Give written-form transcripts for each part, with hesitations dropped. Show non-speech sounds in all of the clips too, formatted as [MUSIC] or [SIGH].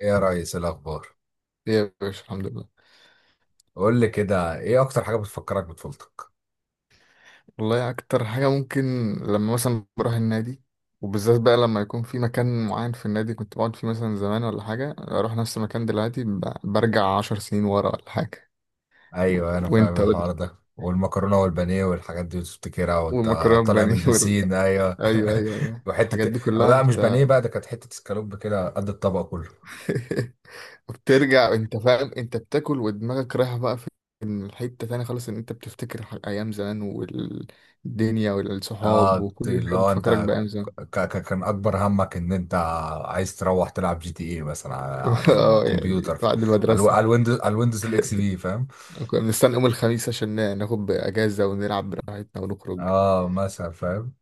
ايه يا ريس، إيه الاخبار؟ ايه يا باشا، الحمد لله. قول لي كده، ايه اكتر حاجه بتفكرك بطفولتك؟ والله اكتر حاجه ممكن لما مثلا بروح النادي، وبالذات بقى لما يكون في مكان معين في النادي كنت بقعد فيه مثلا زمان ولا حاجه، اروح نفس المكان دلوقتي برجع عشر سنين ورا ولا حاجه. ايوه، انا فاهم وانت وال... الحوار ده، والمكرونه والبانيه والحاجات دي بتفتكرها وانت ومكرم طالع من بني [LAUGHS] وال... البسين، ايوه. ايوه ايوه ايوه [LAUGHS] الحاجات وحته، دي أو كلها لا مش بانيه انت. بقى، ده كانت حته اسكالوب كده قد الطبق كله. [LAUGHS] بترجع انت فاهم، انت بتاكل ودماغك رايحه بقى في الحته تانية خالص، ان انت بتفتكر ايام زمان والدنيا والصحاب اه، وكل اللي حاجه هو بتفكرك انت بايام زمان. كان اكبر همك ان انت عايز تروح تلعب جي تي ايه مثلا على [LAUGHS] على اه يعني الكمبيوتر، بعد المدرسة على الويندوز الاكس بي، فاهم؟ كنا بنستنى يوم الخميس عشان ناخد اجازه ونلعب براحتنا ونخرج. اه، مثلا، فاهم.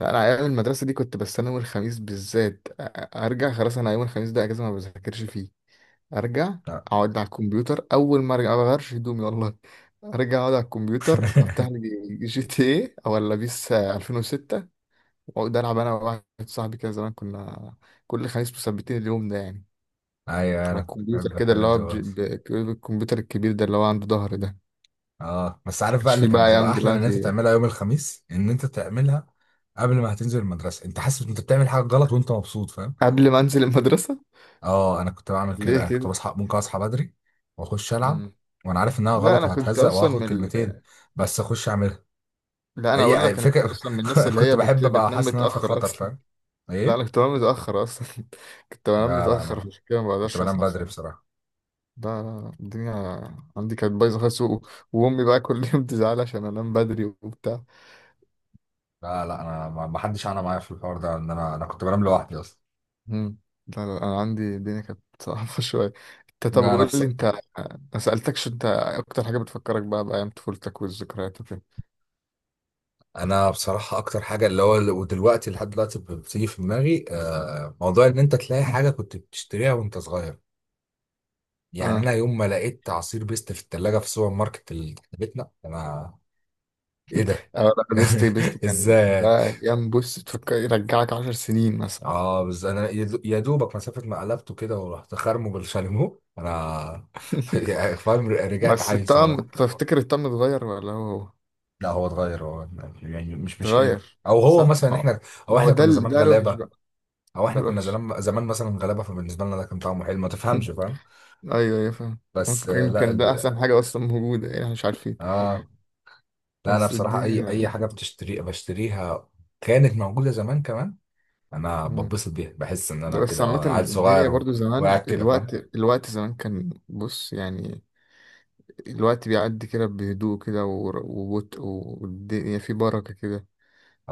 لا، انا ايام المدرسه دي كنت بستنى يوم الخميس بالذات ارجع. خلاص انا يوم الخميس ده اجازه ما بذاكرش فيه، ارجع اقعد على الكمبيوتر اول ما ارجع، ما بغيرش هدومي والله. ارجع اقعد على الكمبيوتر افتح لي [LAUGHS] جي تي ايه ولا بيس 2006، واقعد العب انا وواحد صاحبي كده. زمان كنا كل خميس مثبتين اليوم ده يعني، ايوه، على انا كنت الكمبيوتر بحب كده اللي الحاجات هو دي برضه. الكمبيوتر الكبير ده اللي هو عنده ظهر ده. اه، بس عارف بقى كانش فيه اللي بقى كانت بتبقى ايام احلى من ان انت دلوقتي تعملها يوم الخميس؟ ان انت تعملها قبل ما هتنزل المدرسه، انت حاسس ان انت بتعمل حاجه غلط وانت مبسوط، فاهم؟ قبل ما انزل المدرسه. اه، انا كنت بعمل كده، ليه انا كنت كده؟ بصحى، ممكن اصحى بدري واخش العب، مم. وانا عارف انها لا غلط انا كنت وهتهزق اصلا من وهاخد كلمتين، ال... بس اخش اعملها. لا انا اقول اي لك، انا كنت فكره. اصلا من الناس [LAUGHS] اللي كنت هي بحب ابقى بتنام حاسس ان انا في متاخر خطر، اصلا. فاهم. [LAUGHS] لا انا ايه. كنت بنام متاخر اصلا. [LAUGHS] كنت بنام لا، لا، متاخر، انا عشان كده ما كنت بقدرش بنام اصحى بدري بصراحه. بصراحه. لا لا الدنيا عندي كانت بايظه خالص و... وامي بقى كل [LAUGHS] يوم تزعل عشان انام بدري وبتاع. لا، لا، انا ما حدش انا معايا في الحوار ده، ان انا كنت بنام لوحدي اصلا. مم. لا لا انا عندي الدنيا كانت صعبه [LAUGHS] شويه. انت، طب لا، انا قول لي انت. ما سالتكش انت إيه اكتر حاجه بتفكرك بقى بايام طفولتك والذكريات وكده. انا بصراحه اكتر حاجه اللي هو، ودلوقتي لحد دلوقتي بتيجي في دماغي، موضوع ان انت تلاقي حاجه كنت بتشتريها وانت صغير. يعني اه. انا يوم ما لقيت عصير بيست في الثلاجه في السوبر ماركت اللي تحت بيتنا، انا: ايه ده؟ اه لا، بيست [LAUGHS] بيست كان ازاي؟ ده ايام، بص تفكر يرجعك عشر سنين مثلا. اه، بس انا يا دوبك مسافه ما قلبته كده ورحت خرمه بالشاليمو انا، [LAUGHS] [LAUGHS] يعني فاهم، رجعت بس عيل صغير. الطقم، تفتكر الطقم اتغير ولا هو لا، هو اتغير هو، يعني مش حلو. اتغير؟ او هو صح؟ مثلا ما هو، احنا، او ما هو احنا ده كنا زمان ده الوحش غلابه، بقى. او ده احنا كنا الوحش. زمان زمان مثلا غلابه، فبالنسبه لنا ده كان طعمه حلو، ما تفهمش، [LAUGHS] فاهم. ايوه ايوه فاهم. بس، ممكن لا كان ده احسن حاجة اصلا موجودة يعني، احنا مش عارفين. اه، لا، انا بس بصراحه اي الدنيا. حاجه بتشتري بشتريها كانت موجوده زمان كمان. انا مم. بتبسط بيها، بحس ان ده انا بس كده، عامة اه انا عيل الدنيا صغير برضو وقاعد زمان، كده، الوقت، فاهم. الوقت زمان كان بص يعني، الوقت بيعدي كده بهدوء كده وبطء، والدنيا في بركة كده،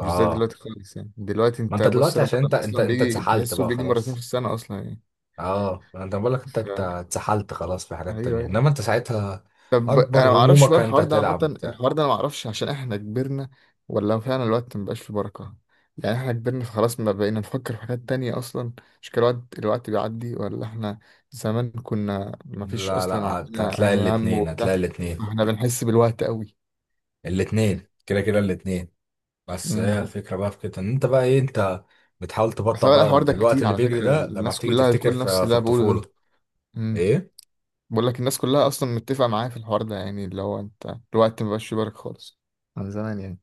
مش زي دلوقتي خالص. يعني دلوقتي ما انت انت بص، دلوقتي عشان انت رمضان انت اصلا انت بيجي اتسحلت تحسه بقى بيجي مرتين في خلاص. السنه اصلا يعني. اه، انت بقول لك انت ف. انت اتسحلت خلاص في حاجات ايوه تانية، يعني. انما انت ساعتها طب اكبر انا ما اعرفش همومك بقى انت الحوار ده هتلعب عامه، وبتاع. الحوار ده انا ما اعرفش عشان احنا كبرنا، ولا هو فعلا الوقت ما بقاش فيه بركه. يعني احنا كبرنا، فخلاص ما بقينا نفكر في حاجات تانية اصلا. مش كده؟ الوقت، الوقت بيعدي ولا احنا؟ زمان كنا ما فيش لا، لا، اصلا هتلاقي عندنا هم الاتنين وبتاع، هتلاقي الاتنين فاحنا بنحس بالوقت قوي. الاتنين كده كده الاتنين. بس هي امم. الفكرة بقى في كده، ان انت بقى ايه، انت بتحاول بس تبطئ هو بقى الحوار ده الوقت كتير اللي على بيجري فكره، ده لما الناس بتيجي كلها تفتكر بتقول نفس في اللي انا بقوله الطفولة. ده. امم. ايه. بقول لك الناس كلها اصلا متفقه معايا في الحوار ده، يعني اللي هو انت الوقت ما بقاش في بالك خالص عن زمان يعني.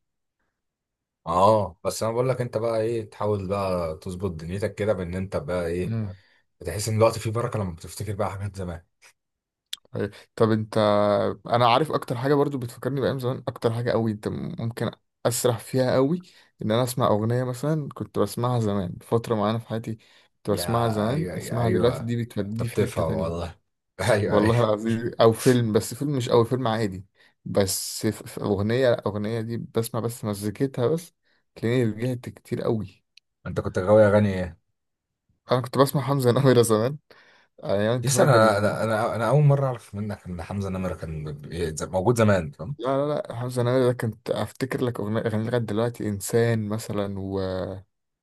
اه، بس انا بقول لك انت بقى ايه، تحاول بقى تظبط دنيتك كده بان انت بقى ايه، امم. بتحس ان الوقت فيه بركة لما بتفتكر بقى حاجات زمان. طيب، طب انت. انا عارف اكتر حاجه برضو بتفكرني بايام زمان، اكتر حاجه قوي انت ممكن اسرح فيها قوي، ان انا اسمع اغنيه مثلا كنت بسمعها زمان فتره معينه في حياتي، كنت يا بسمعها زمان، ايوه، يا اسمعها دلوقتي ايوه، دي بتوديني انت في حته بتفهم تانية. والله. [LAUGHS] ايوه، والله ايوه. العظيم. او فيلم، بس فيلم مش قوي، فيلم عادي. بس في في اغنيه، الاغنيه دي بسمع بس مزيكتها بس، تلاقيني رجعت كتير قوي. انت كنت غاوي اغاني ايه؟ انا كنت بسمع حمزة نمرة [LAUGHS] زمان، يعني ايام يس، الطفولة انا كان. انا انا أنا اول مره اعرف منك ان حمزه نمره كان موجود زمان، فاهم. لا حمزة نمرة ده كنت افتكر لك اغنية، اغاني لغاية دلوقتي، انسان مثلا، و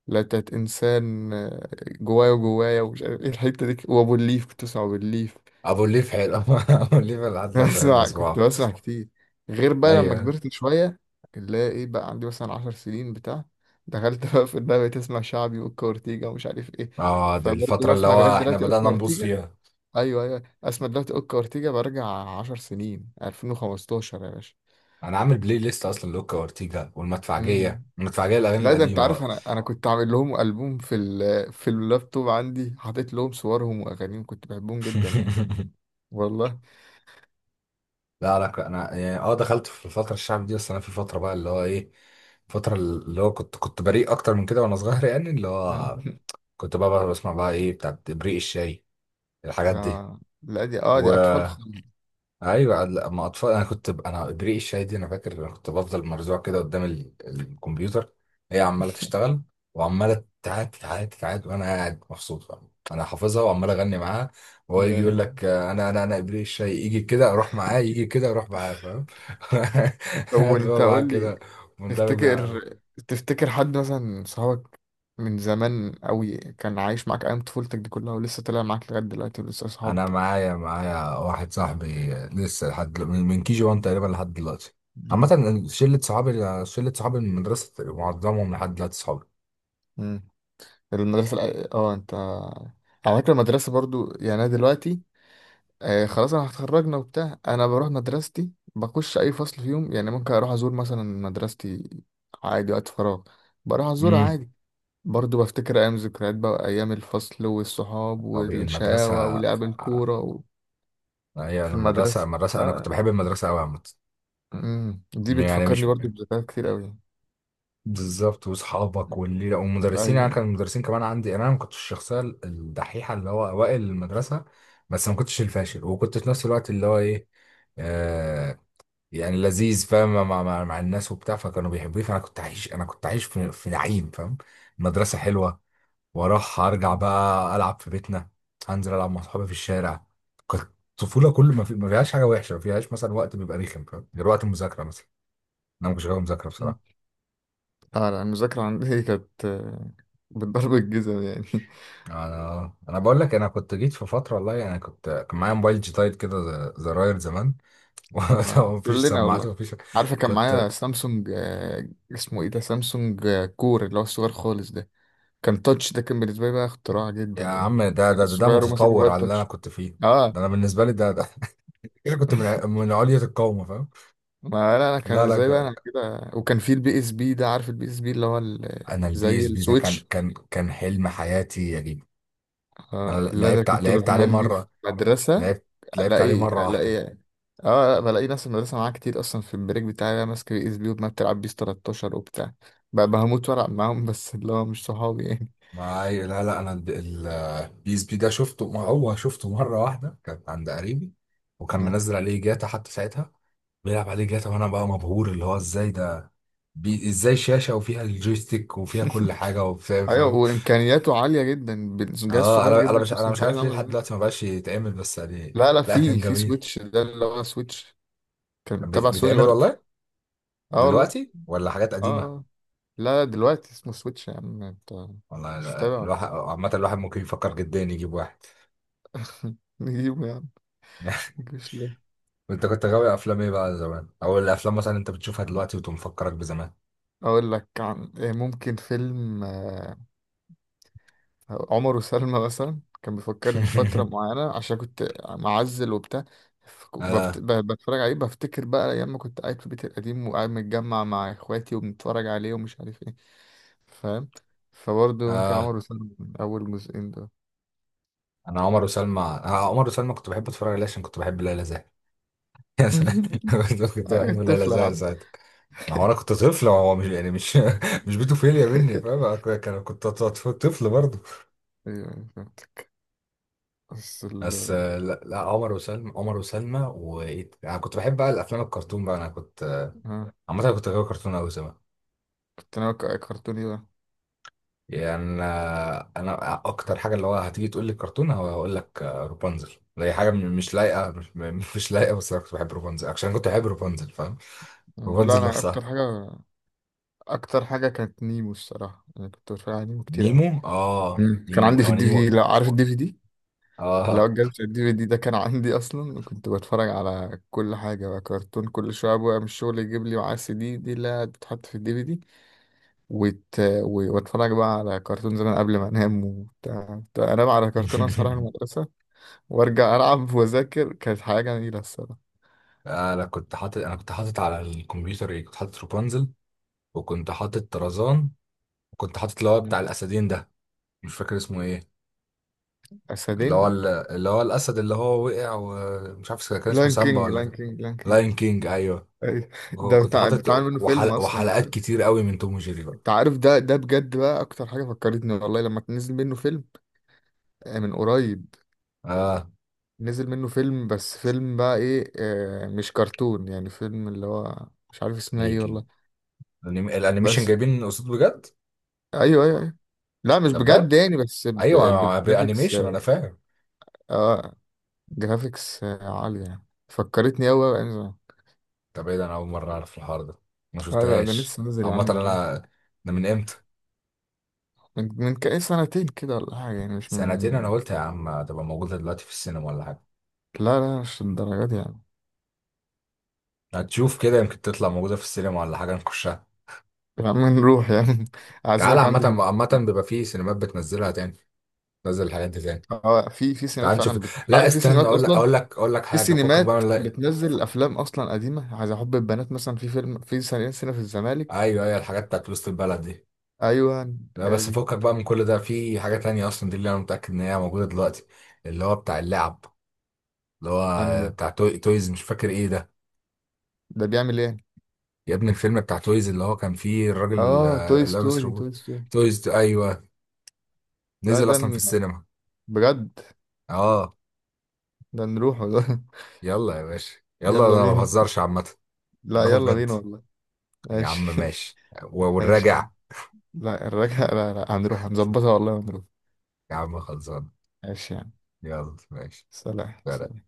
لا تات انسان، آه، جوايا وجوايا ومش عارف ايه الحتة دي، وابو الليف، كنت بسمع ابو الليف. ابو الليف حلو. [LAUGHS] ابو الليف أنا لحد [LAUGHS] دلوقتي بحب بسمع كنت اسمعه. بسمع كتير. غير بقى لما ايوه. كبرت شوية، اللي هي ايه بقى، عندي مثلا عشر سنين بتاع دخلت بقى في الدنيا بقيت اسمع شعبي، واوكا اورتيجا ومش عارف ايه. اه، دي فبرضه الفترة اللي بسمع لغاية هو احنا دلوقتي اوكا بدأنا نبوظ اورتيجا. فيها. ايوه ايوه، اسمع دلوقتي اوكا اورتيجا برجع 10 سنين، 2015 يا باشا. انا عامل بلاي ليست اصلا لوكا وارتيجا امم. والمدفعجية، المدفعجية الاغاني لا ده انت يعني القديمة عارف، بقى. انا كنت عامل لهم البوم في ال في اللابتوب عندي، حاطط لهم صورهم واغانيهم، كنت بحبهم جدا يعني. [LAUGHS] والله. لا، لا، انا يعني اه، دخلت في الفترة الشعب دي، بس انا في فترة بقى اللي هو ايه، فترة اللي هو كنت بريء اكتر من كده وانا صغير، يعني اللي مم. هو [LAUGHS] كنت بقى بسمع بقى ايه بتاعت بريق الشاي، الحاجات دي، آه. لا دي، اه و. دي اطفال خالص. ايوه، اما اطفال، انا كنت انا ابريق الشاي دي انا فاكر، انا كنت بفضل مرزوع كده قدام الكمبيوتر، هي عماله تشتغل، وعماله تعاد تعاد تعاد، وانا قاعد مبسوط، فاهم. انا حافظها وعمال اغني معاها، وهو يجي يقول آه. لك، انا انا انا ابريق الشاي، يجي كده اروح معاه، يجي كده اروح معاه، فاهم. [LAUGHS] طب قاعد بقى وانت معاه قول لي، كده، مندمج معاه تفتكر، أوي. تفتكر حد مثلا صحابك من زمان قوي كان عايش معاك ايام طفولتك دي كلها ولسه طالع معاك لغايه دلوقتي ولسه اصحاب؟ انا معايا معايا واحد صاحبي لسه لحد من كي جي 1 تقريبا لحد دلوقتي. عامة شلة صحابي، شلة صحابي من المدرسة معظمهم لحد دلوقتي صحابي. مم. المدرسة اه انت، على فكرة المدرسة برضو. يعني انا دلوقتي آه، خلاص انا هتخرجنا وبتاع، انا بروح مدرستي بخش اي فصل فيهم، يعني ممكن اروح ازور مثلا مدرستي عادي وقت فراغ، بروح ازورها امم. عادي. برضو بفتكر ايام، ذكريات بقى ايام الفصل والصحاب طبيعي، والشقاوة المدرسة، ولعب آه، الكورة و... هي، في أنا المدرسة، المدرسة. أنا كنت اه. بحب المدرسة أوي عامة. امم، دي يعني بتفكرني مش، برضو بذكريات كتير قوي. بالظبط، وأصحابك والليلة والمدرسين، يعني ايوه. كان المدرسين كمان عندي، يعني أنا ما كنتش الشخصية الدحيحة اللي هو أوائل المدرسة. بس ما كنتش الفاشل، وكنت في نفس الوقت اللي هو إيه، آه يعني لذيذ، فاهم، مع الناس وبتاع، فكانوا بيحبوني، فأنا كنت عايش، أنا كنت عايش في نعيم، فاهم. المدرسة حلوة، واروح ارجع بقى العب في بيتنا، هنزل العب مع صحابي في الشارع. كانت الطفوله كل ما، ما فيهاش حاجه وحشه، ما فيهاش مثلا وقت بيبقى رخم، فاهم؟ غير وقت المذاكره مثلا. انا ما كنتش غاوي مذاكره مم. بصراحه. اه لا، المذاكرة عندي [LAUGHS] كانت آه، بالضرب الجزم يعني. انا بقول لك، انا كنت جيت في فتره والله، يعني كان معايا موبايل جيتايد كده، زراير زمان، [LAUGHS] اه ومفيش كلنا سماعات والله. ومفيش، عارفه كان معايا كنت. سامسونج، آه، اسمه ايه ده، سامسونج آه، كور، اللي هو الصغير خالص ده. كان تاتش، ده كان بالنسبه لي بقى اختراع جدا يا يعني. عم، ده الصغير، اه وماسك متطور موبايل على اللي انا تاتش. كنت فيه. اه. ده انا بالنسبه لي ده، [LAUGHS] كده كنت [LAUGHS] من علية القومه، فاهم. ما لا انا كان لا، لا، ازاي بقى، انا كده وكان في البي اس بي ده، عارف البي اس بي اللي هو انا البي زي اس بي ده كان السويتش. كان كان حلم حياتي يا جدعان. انا اه اللي انا كنت لعبت عليه بملي في مره، مدرسة، لعبت لعبت عليه الاقي مره واحده. الاقي، اه بلاقي ناس المدرسة معاها كتير اصلا، في البريك بتاعي انا ماسك الاس بي وما بتلعب بيس 13 وبتاع، بقى بهموت والعب معاهم بس اللي هو مش صحابي يعني. ما هي- لا، لا، انا البي اس بي ده شفته، ما هو شفته مره واحده، كانت عند قريبي، وكان آه. منزل عليه جاتا حتى ساعتها، بيلعب عليه جاتا، وانا بقى مبهور، اللي هو ازاي ده، ازاي شاشه وفيها الجويستيك وفيها كل حاجه [LAUGHS] وبتاع، ايوه، فاهم. وامكانياته عالية جدا، بالجهاز اه، صغير انا انا جدا مش بس انا مش امكانياته عارف ليه عاملة لحد ازاي. دلوقتي ما بقاش يتعمل، بس يعني. لا لا، لا، في كان في جميل، سويتش ده اللي هو سويتش، كان كان تبع سوني بيتعمل برضه. والله اه والله. دلوقتي، ولا حاجات اه. آه. قديمه؟ آه. لا دلوقتي اسمه سويتش يا عم انت، والله. مش متابع ولا. الواحد عامه، الواحد ممكن يفكر جدا يجيب واحد. إيه؟ [LAUGHS] نجيبه يا عم. [LAUGHS] مش. انت كنت غاوي افلام ايه بقى زمان، او الافلام مثلا انت بتشوفها ليه، دلوقتي وتقوم مفكرك بزمان؟ اقول لك عن إيه، ممكن فيلم آه، عمر وسلمى مثلا كان بيفكرني بفتره [LAUGHS] معينه عشان كنت معزل وبتاع، اه، بتفرج عليه بفتكر بقى ايام ما كنت قاعد في بيتي القديم وقاعد متجمع مع اخواتي وبنتفرج عليه ومش عارف ايه. فاهم؟ فبرضه ممكن اه، عمر وسلمى من اول جزئين ده. انا عمر وسلمى، عمر وسلمى كنت بحب اتفرج عليه عشان كنت بحب ليلى زاهر. [LAUGHS] يا سلام. [LAUGHS] كنت آه، بحب ليلى طفله يا زاهر عم. ساعتها. هو انا كنت طفل، هو مش يعني مش، [LAUGHS] مش بيتوفيليا مني، فاهم، أنا [LAUGHS] كنت طفل برضه. ايوه، أيوة، فهمت. بس ال. بس، لا، لا، عمر وسلمى، وايه، انا كنت بحب بقى الافلام الكرتون بقى، انا كنت ها. عامه كنت غاوي كرتون قوي. كنت انا كرتوني بقى. يعني، أنا اكتر حاجه اللي هو هتيجي تقول لي كرتون، هو هقول لك، رابنزل. ده هي حاجه مش لايقه، مش, م- [LAUGHS] مش لايقه، بس انا كنت بحب رابنزل عشان كنت بحب رابنزل، فاهم. لا رابنزل انا اكتر نفسها. حاجه، اكتر حاجه كانت نيمو الصراحه، انا كنت بتفرج على نيمو كتير قوي. نيمو. اه، مم. كان نيمو. عندي في اه، الدي في نيمو. دي، لا عارف الدي في دي، اه. لو الجهاز الدي في دي ده كان عندي اصلا، وكنت بتفرج على كل حاجه بقى كرتون، كل شويه ابويا من الشغل يجيب لي معاه السي دي دي اللي بتتحط في الدي في دي، واتفرج بقى على كرتون زمان قبل ما انام وبتاع. كنت انام على كرتون، اصحى اروح [LAUGHS] المدرسه وارجع العب واذاكر، كانت حاجه جميله الصراحه. انا كنت حاطط على الكمبيوتر، ايه، كنت حاطط رابنزل، وكنت حاطط طرزان، وكنت حاطط اللي هو مم. بتاع الاسدين ده، مش فاكر اسمه ايه، اللي هو اسدين. اللي هو الاسد اللي هو وقع، ومش عارف كان اسمه لان سامبا كينج، ولا لان كينج، لان كينج. لاين كينج، ايوه. أيوة. هو ده كنت بتاع حاطط بتعمل منه فيلم اصلا. وحلقات كتير قوي من توم وجيري بقى. انت عارف ده، ده بجد بقى اكتر حاجه فكرتني والله، لما نزل منه فيلم آه، من قريب، اه، نزل منه فيلم، بس فيلم بقى ايه آه، مش كرتون يعني، فيلم اللي هو مش عارف اسمه ايه ميكي، والله. الانيميشن بس. جايبين قصاد بجد. ايوه ايوه ايوه. لا مش ده بجد بجد. يعني، بس ايوه، بجرافيكس. انيميشن، انا اه فاهم. آه، جرافيكس آه، عاليه يعني، فكرتني قوي بقى يعني. طب ايه ده، انا اول مره اعرف الحوار ده، ما لا لا ده شفتهاش. لسه نازل يا عم عامه من قريب. انا، ده من امتى؟ من من كأي سنتين كده ولا حاجه، يعني مش سنتين. من. انا قلت يا عم هتبقى موجوده دلوقتي في السينما ولا حاجه. لا لا مش الدرجات دي يعني. هتشوف كده، يمكن تطلع موجوده في السينما ولا حاجه، نخشها. يا عم نروح يعني [LAUGHS] تعال، عايزك عامه عندي في. عامه بيبقى في سينمات بتنزلها تاني، تنزل الحاجات دي تاني. اه في في سينمات تعال نشوف. فعلا لا، عارف في استنى، سينمات اقول لك اصلا، اقول لك اقول لك في حاجه، فكك بقى سينمات من، لا. بتنزل افلام اصلا قديمه، عايز احب البنات مثلا، في فيلم، في سنين، سنه في الزمالك. ايوه، ايوه، الحاجات بتاعت وسط البلد دي. ايوه لا، هي بس دي. فكك بقى من كل ده، في حاجة تانية اصلا، دي اللي انا متأكد ان هي موجودة دلوقتي، اللي هو بتاع اللعب، اللي هو يعني بتاع تويز، مش فاكر ايه ده. ده بيعمل ايه؟ يا ابني الفيلم بتاع تويز اللي هو كان فيه الراجل، اه، توي لابس ستوري، روبوت. توي ستوري. تويز، ايوه. لا نزل ده اصلا في السينما. بجد؟ اه. ده نروحه ده. يلا يا باشا. [LAUGHS] يلا، يلا انا ما بينا. بهزرش عامة. لا نروح يلا بجد. بينا والله. يا عم ماشي. ماشي، [LAUGHS] والراجع. ماشي. لا الرجعه، لا لا هنروح هنظبطها والله ونروح. يا عم، خلصان. ماشي يعني. يلا، ماشي. سلام سلام.